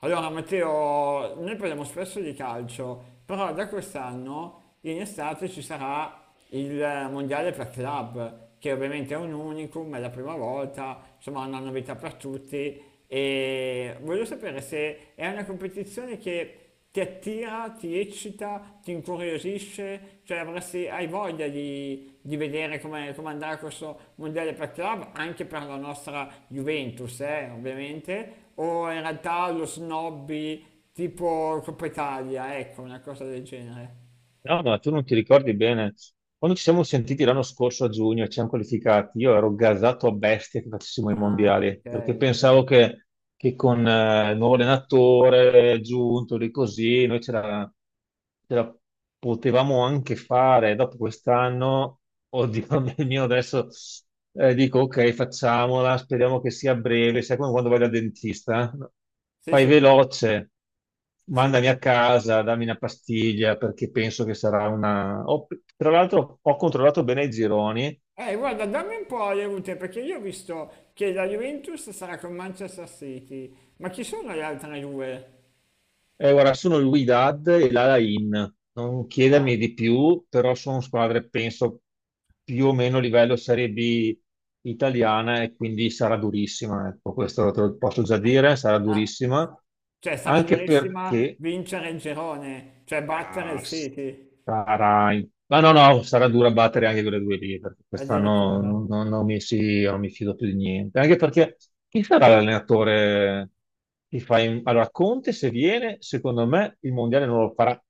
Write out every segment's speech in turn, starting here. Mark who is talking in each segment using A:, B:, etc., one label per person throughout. A: Allora, Matteo, noi parliamo spesso di calcio, però da quest'anno in estate ci sarà il mondiale per club, che ovviamente è un unicum, è la prima volta, insomma, è una novità per tutti. E voglio sapere se è una competizione che ti attira, ti eccita, ti incuriosisce, cioè avresti, hai voglia di vedere come, come andrà questo mondiale per club, anche per la nostra Juventus, ovviamente, o in realtà lo snobby tipo Coppa Italia, ecco, una cosa del genere.
B: No, ma tu non ti ricordi bene. Quando ci siamo sentiti l'anno scorso a giugno e ci siamo qualificati, io ero gasato a bestia che facessimo i
A: Ah, ok,
B: mondiali, perché
A: è vero.
B: pensavo che con il nuovo allenatore giunto lì così, noi ce la potevamo anche fare. Dopo quest'anno oddio, mio, adesso dico ok, facciamola, speriamo che sia breve. Sai come quando vai dal dentista, no?
A: Sì,
B: Fai
A: sì, sì,
B: veloce,
A: sì, sì.
B: mandami a casa, dammi una pastiglia perché penso che sarà una... tra l'altro ho controllato bene i gironi.
A: Guarda, dammi un po' le route, perché io ho visto che la Juventus sarà con Manchester City, ma chi sono le altre due?
B: Guarda, sono il Wydad e l'Alain. Non chiedermi di più, però sono squadre, penso, più o meno a livello Serie B italiana e quindi sarà durissima. Ecco, questo te lo posso già dire, sarà
A: Ah.
B: durissima.
A: Cioè, sarà
B: Anche
A: durissima
B: perché
A: vincere il girone, cioè battere il
B: ah,
A: City
B: sarà... Ma no, no, sarà dura battere anche quelle due lì, perché quest'anno
A: addirittura.
B: non mi fido più di niente. Anche perché chi sarà l'allenatore che fa... Allora, Conte se viene, secondo me il Mondiale non lo farà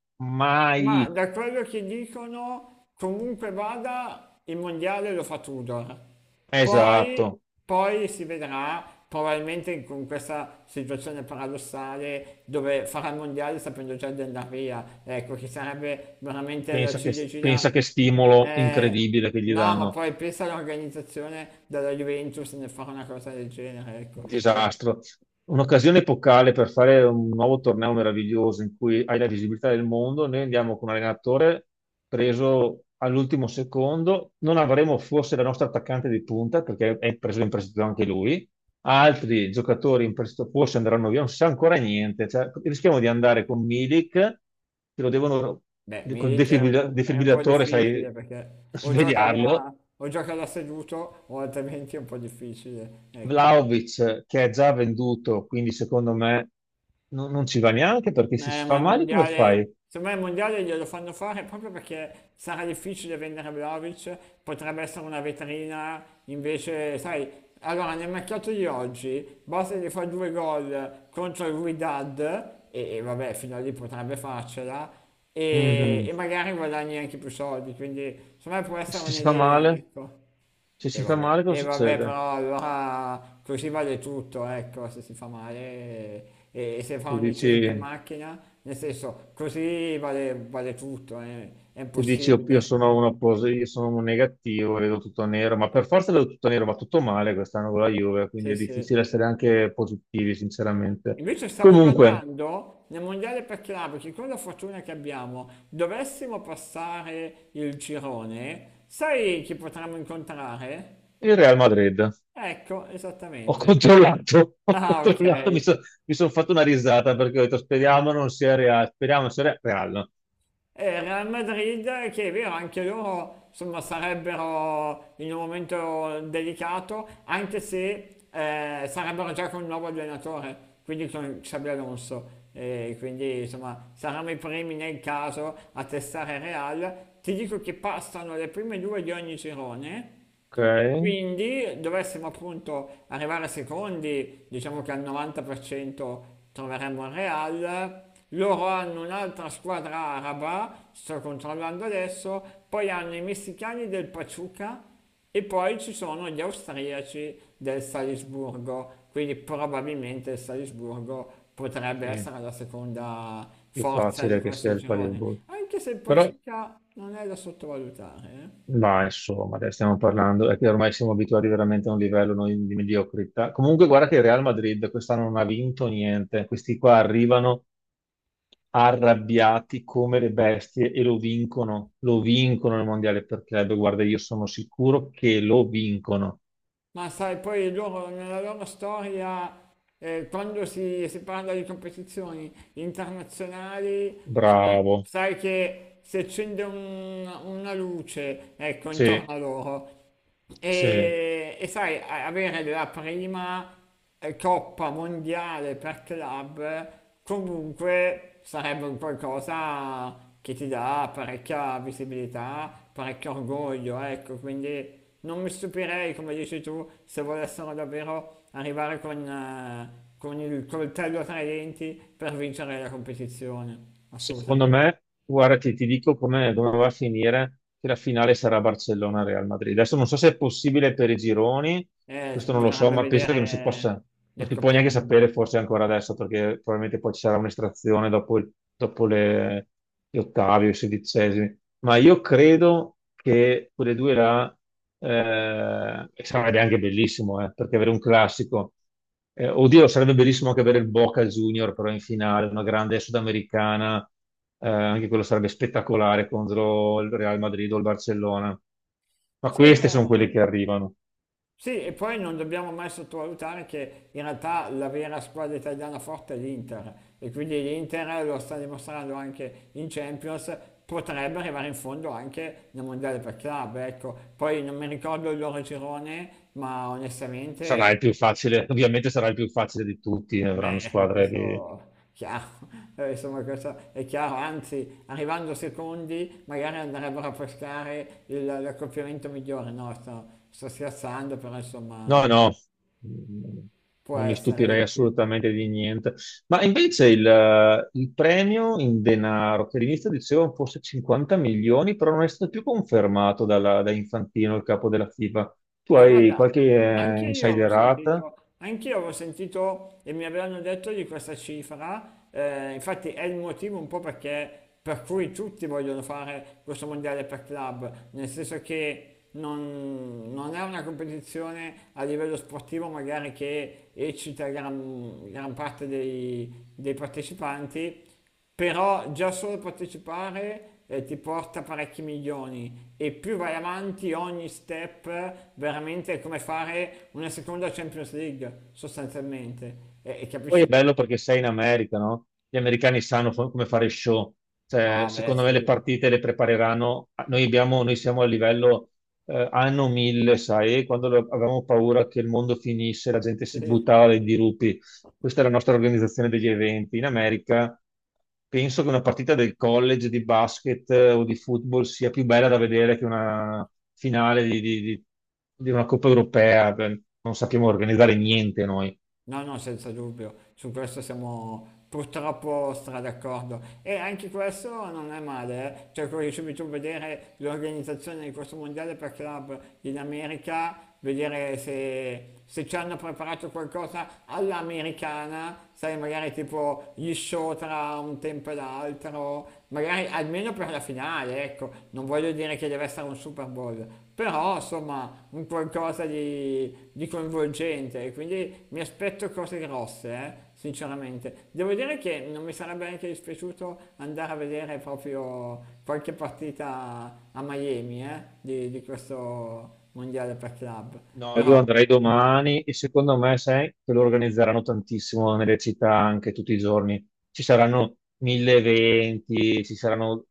A: Ma
B: mai.
A: da quello che dicono, comunque vada, il mondiale lo fa Tudor. Poi,
B: Esatto.
A: poi si vedrà, probabilmente con questa situazione paradossale dove farà il mondiale sapendo già di andare via. Ecco, che sarebbe veramente la ciliegina.
B: Pensa che stimolo
A: Eh,
B: incredibile che gli
A: no, ma
B: danno.
A: poi pensa all'organizzazione della Juventus nel fare una cosa del genere, ecco.
B: Un
A: Eh,
B: disastro. Un'occasione epocale per fare un nuovo torneo meraviglioso in cui hai la visibilità del mondo. Noi andiamo con un allenatore preso all'ultimo secondo. Non avremo forse la nostra attaccante di punta perché è preso in prestito anche lui. Altri giocatori in prestito forse andranno via, non si sa ancora niente. Cioè, rischiamo di andare con Milik, che lo devono
A: beh,
B: col
A: Milik è un po'
B: defibrillatore, sai,
A: difficile perché
B: svegliarlo.
A: o gioca da seduto o altrimenti è un po' difficile, ecco.
B: Vlaovic che è già venduto, quindi secondo me non ci va neanche, perché se si
A: Ma
B: fa
A: il
B: male come
A: mondiale,
B: fai?
A: secondo me il mondiale glielo fanno fare proprio perché sarà difficile vendere Vlahovic, potrebbe essere una vetrina, invece, sai, allora nel mercato di oggi basta gli fa due gol contro il Wydad e vabbè, fino a lì potrebbe farcela. E,
B: Mhm.
A: e magari guadagni anche più soldi, quindi secondo me può essere
B: Se si fa
A: un'idea,
B: male,
A: ecco.
B: se si fa male
A: E
B: cosa
A: vabbè,
B: succede?
A: però allora così vale tutto, ecco, se si fa male e se fa
B: Tu
A: un incidente
B: dici,
A: in macchina, nel senso, così vale, vale tutto, è
B: tu dici: "Oh, io
A: impossibile.
B: sono una io sono un negativo, vedo tutto nero, ma per forza vedo tutto nero, ma tutto male quest'anno con la Juve, quindi
A: Sì,
B: è
A: sì.
B: difficile essere anche positivi, sinceramente".
A: Invece stavo
B: Comunque,
A: guardando nel mondiale per club, che con la fortuna che abbiamo, dovessimo passare il girone, sai chi potremmo incontrare?
B: il Real Madrid.
A: Ecco, esattamente.
B: Ho
A: Ah,
B: controllato, mi
A: ok.
B: sono fatto una risata perché ho detto speriamo non sia reale, speriamo non sia reale.
A: E Real Madrid, che è vero, anche loro insomma, sarebbero in un momento delicato, anche se sarebbero già con un nuovo allenatore, quindi con Xabi Alonso. E quindi insomma saranno i primi nel caso a testare Real. Ti dico che passano le prime due di ogni girone e
B: Ok?
A: quindi dovessimo appunto arrivare secondi, diciamo che al 90% troveremmo il Real, loro hanno un'altra squadra araba, sto controllando adesso, poi hanno i messicani del Pachuca e poi ci sono gli austriaci del Salisburgo, quindi probabilmente il Salisburgo potrebbe
B: Sì,
A: essere la seconda
B: più
A: forza di
B: facile
A: forza,
B: che
A: questo
B: sia
A: forse,
B: il
A: girone,
B: palesboard.
A: anche se il
B: Però,
A: Pachuca non è da sottovalutare, eh.
B: ma insomma, adesso stiamo parlando, è che ormai siamo abituati veramente a un livello noi di mediocrità. Comunque guarda che il Real Madrid quest'anno non ha vinto niente, questi qua arrivano arrabbiati come le bestie e lo vincono il mondiale per club, guarda, io sono sicuro che lo vincono.
A: Ma sai, poi loro nella loro storia, quando si parla di competizioni internazionali, insomma,
B: Bravo.
A: sai che si accende una luce, ecco, intorno
B: Sì,
A: a loro.
B: sì.
A: E sai, avere la prima coppa mondiale per club comunque sarebbe un qualcosa che ti dà parecchia visibilità, parecchio orgoglio, ecco, quindi non mi stupirei, come dici tu, se volessero davvero arrivare con il coltello tra i denti per vincere la competizione,
B: Secondo
A: assolutamente.
B: me, guarda, ti dico come come va a finire, che la finale sarà Barcellona-Real Madrid. Adesso non so se è possibile per i gironi, questo non lo so,
A: Bisognerebbe
B: ma penso che non si
A: vedere
B: possa,
A: gli
B: non si può neanche
A: accoppiamenti.
B: sapere forse ancora adesso, perché probabilmente poi ci sarà un'estrazione dopo, dopo gli ottavi o i sedicesimi. Ma io credo che quelle due là, sarebbe anche bellissimo, perché avere un classico. Oddio, sarebbe bellissimo anche avere il Boca Junior però in finale, una grande sudamericana, anche quello sarebbe spettacolare contro il Real Madrid o il Barcellona. Ma
A: Sì,
B: queste sono quelle
A: beh,
B: che arrivano.
A: sì, e poi non dobbiamo mai sottovalutare che in realtà la vera squadra italiana forte è l'Inter e quindi l'Inter lo sta dimostrando anche in Champions, potrebbe arrivare in fondo anche nel mondiale per club, ecco. Poi non mi ricordo il loro girone, ma
B: Sarà
A: onestamente,
B: il più facile, ovviamente sarà il più facile di tutti, ne avranno
A: beh,
B: squadre che...
A: questo è chiaro. Insomma, questo è chiaro, anzi, arrivando secondi magari andrebbero a pescare l'accoppiamento migliore, no, sto scherzando, però insomma...
B: No, no, mm,
A: Può
B: non mi
A: essere,
B: stupirei
A: dici.
B: assolutamente di niente. Ma invece il premio in denaro, che all'inizio dicevano fosse 50 milioni, però non è stato più confermato da Infantino, il capo della FIFA. Tu
A: Ma
B: hai
A: guarda,
B: qualche
A: anche io avevo
B: insiderata?
A: sentito, anche io avevo sentito e mi avevano detto di questa cifra, infatti è il motivo un po' perché, per cui tutti vogliono fare questo mondiale per club, nel senso che non, non è una competizione a livello sportivo magari che eccita gran, gran parte dei partecipanti, però già solo partecipare ti porta parecchi milioni e più vai avanti ogni step veramente è come fare una seconda Champions League sostanzialmente e
B: Poi
A: capisci
B: è
A: bene?
B: bello perché sei in America, no? Gli americani sanno come fare show. Cioè,
A: Ah beh
B: secondo me
A: sì,
B: le partite le prepareranno. Noi siamo a livello anno 1000, sai? Avevamo paura che il mondo finisse, la gente si buttava dai dirupi. Questa è la nostra organizzazione degli eventi. In America penso che una partita del college di basket o di football sia più bella da vedere che una finale di una Coppa europea. Beh, non sappiamo organizzare niente noi.
A: no, no, senza dubbio, su questo siamo purtroppo stra d'accordo. E anche questo non è male, eh. Cioè, come dicevi tu, vedere l'organizzazione di questo mondiale per club in America, vedere se, se ci hanno preparato qualcosa all'americana, sai, magari tipo gli show tra un tempo e l'altro, magari almeno io per la finale, ecco, non voglio dire che deve essere un Super Bowl, però insomma un qualcosa di coinvolgente, quindi mi aspetto cose grosse, sinceramente. Devo dire che non mi sarebbe neanche dispiaciuto andare a vedere proprio qualche partita a Miami, di questo mondiale per club.
B: No,
A: Però,
B: io andrei domani e secondo me, sai, che lo organizzeranno tantissimo nelle città anche tutti i giorni. Ci saranno mille eventi, ci saranno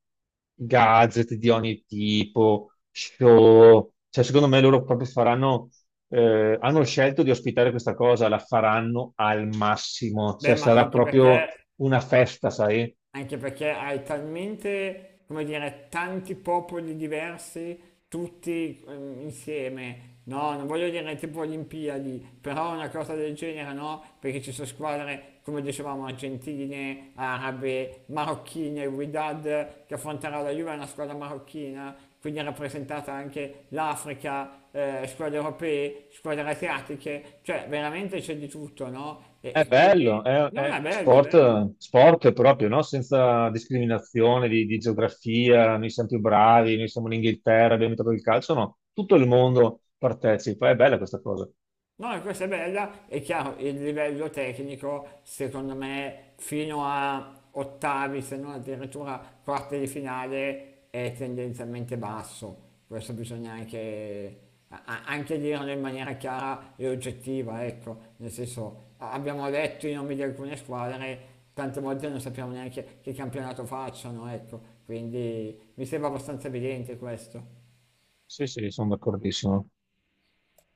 B: gadget di ogni tipo, show. Cioè, secondo me loro proprio faranno, hanno scelto di ospitare questa cosa, la faranno al massimo.
A: beh,
B: Cioè,
A: ma
B: sarà
A: anche
B: proprio
A: perché
B: una festa, sai?
A: anche perché hai talmente, come dire, tanti popoli diversi, tutti insieme. No, non voglio dire tipo Olimpiadi, però una cosa del genere no, perché ci sono squadre, come dicevamo, argentine, arabe, marocchine, il Wydad che affronterà la Juve è una squadra marocchina, quindi è rappresentata anche l'Africa, squadre europee, squadre asiatiche, cioè veramente c'è di tutto, no? E,
B: È
A: e
B: bello,
A: quindi no, è
B: è
A: bello, è bello.
B: sport, sport proprio, no? Senza discriminazione di geografia, noi siamo più bravi, noi siamo in Inghilterra, abbiamo trovato il calcio, no, tutto il mondo partecipa, è bella questa cosa.
A: No, questa è bella, è chiaro, il livello tecnico secondo me fino a ottavi, se non addirittura quarti di finale, è tendenzialmente basso. Questo bisogna anche, anche dirlo in maniera chiara e oggettiva, ecco, nel senso abbiamo letto i nomi di alcune squadre, tante volte non sappiamo neanche che campionato facciano, ecco, quindi mi sembra abbastanza evidente questo.
B: Sì, sì, sono d'accordissimo.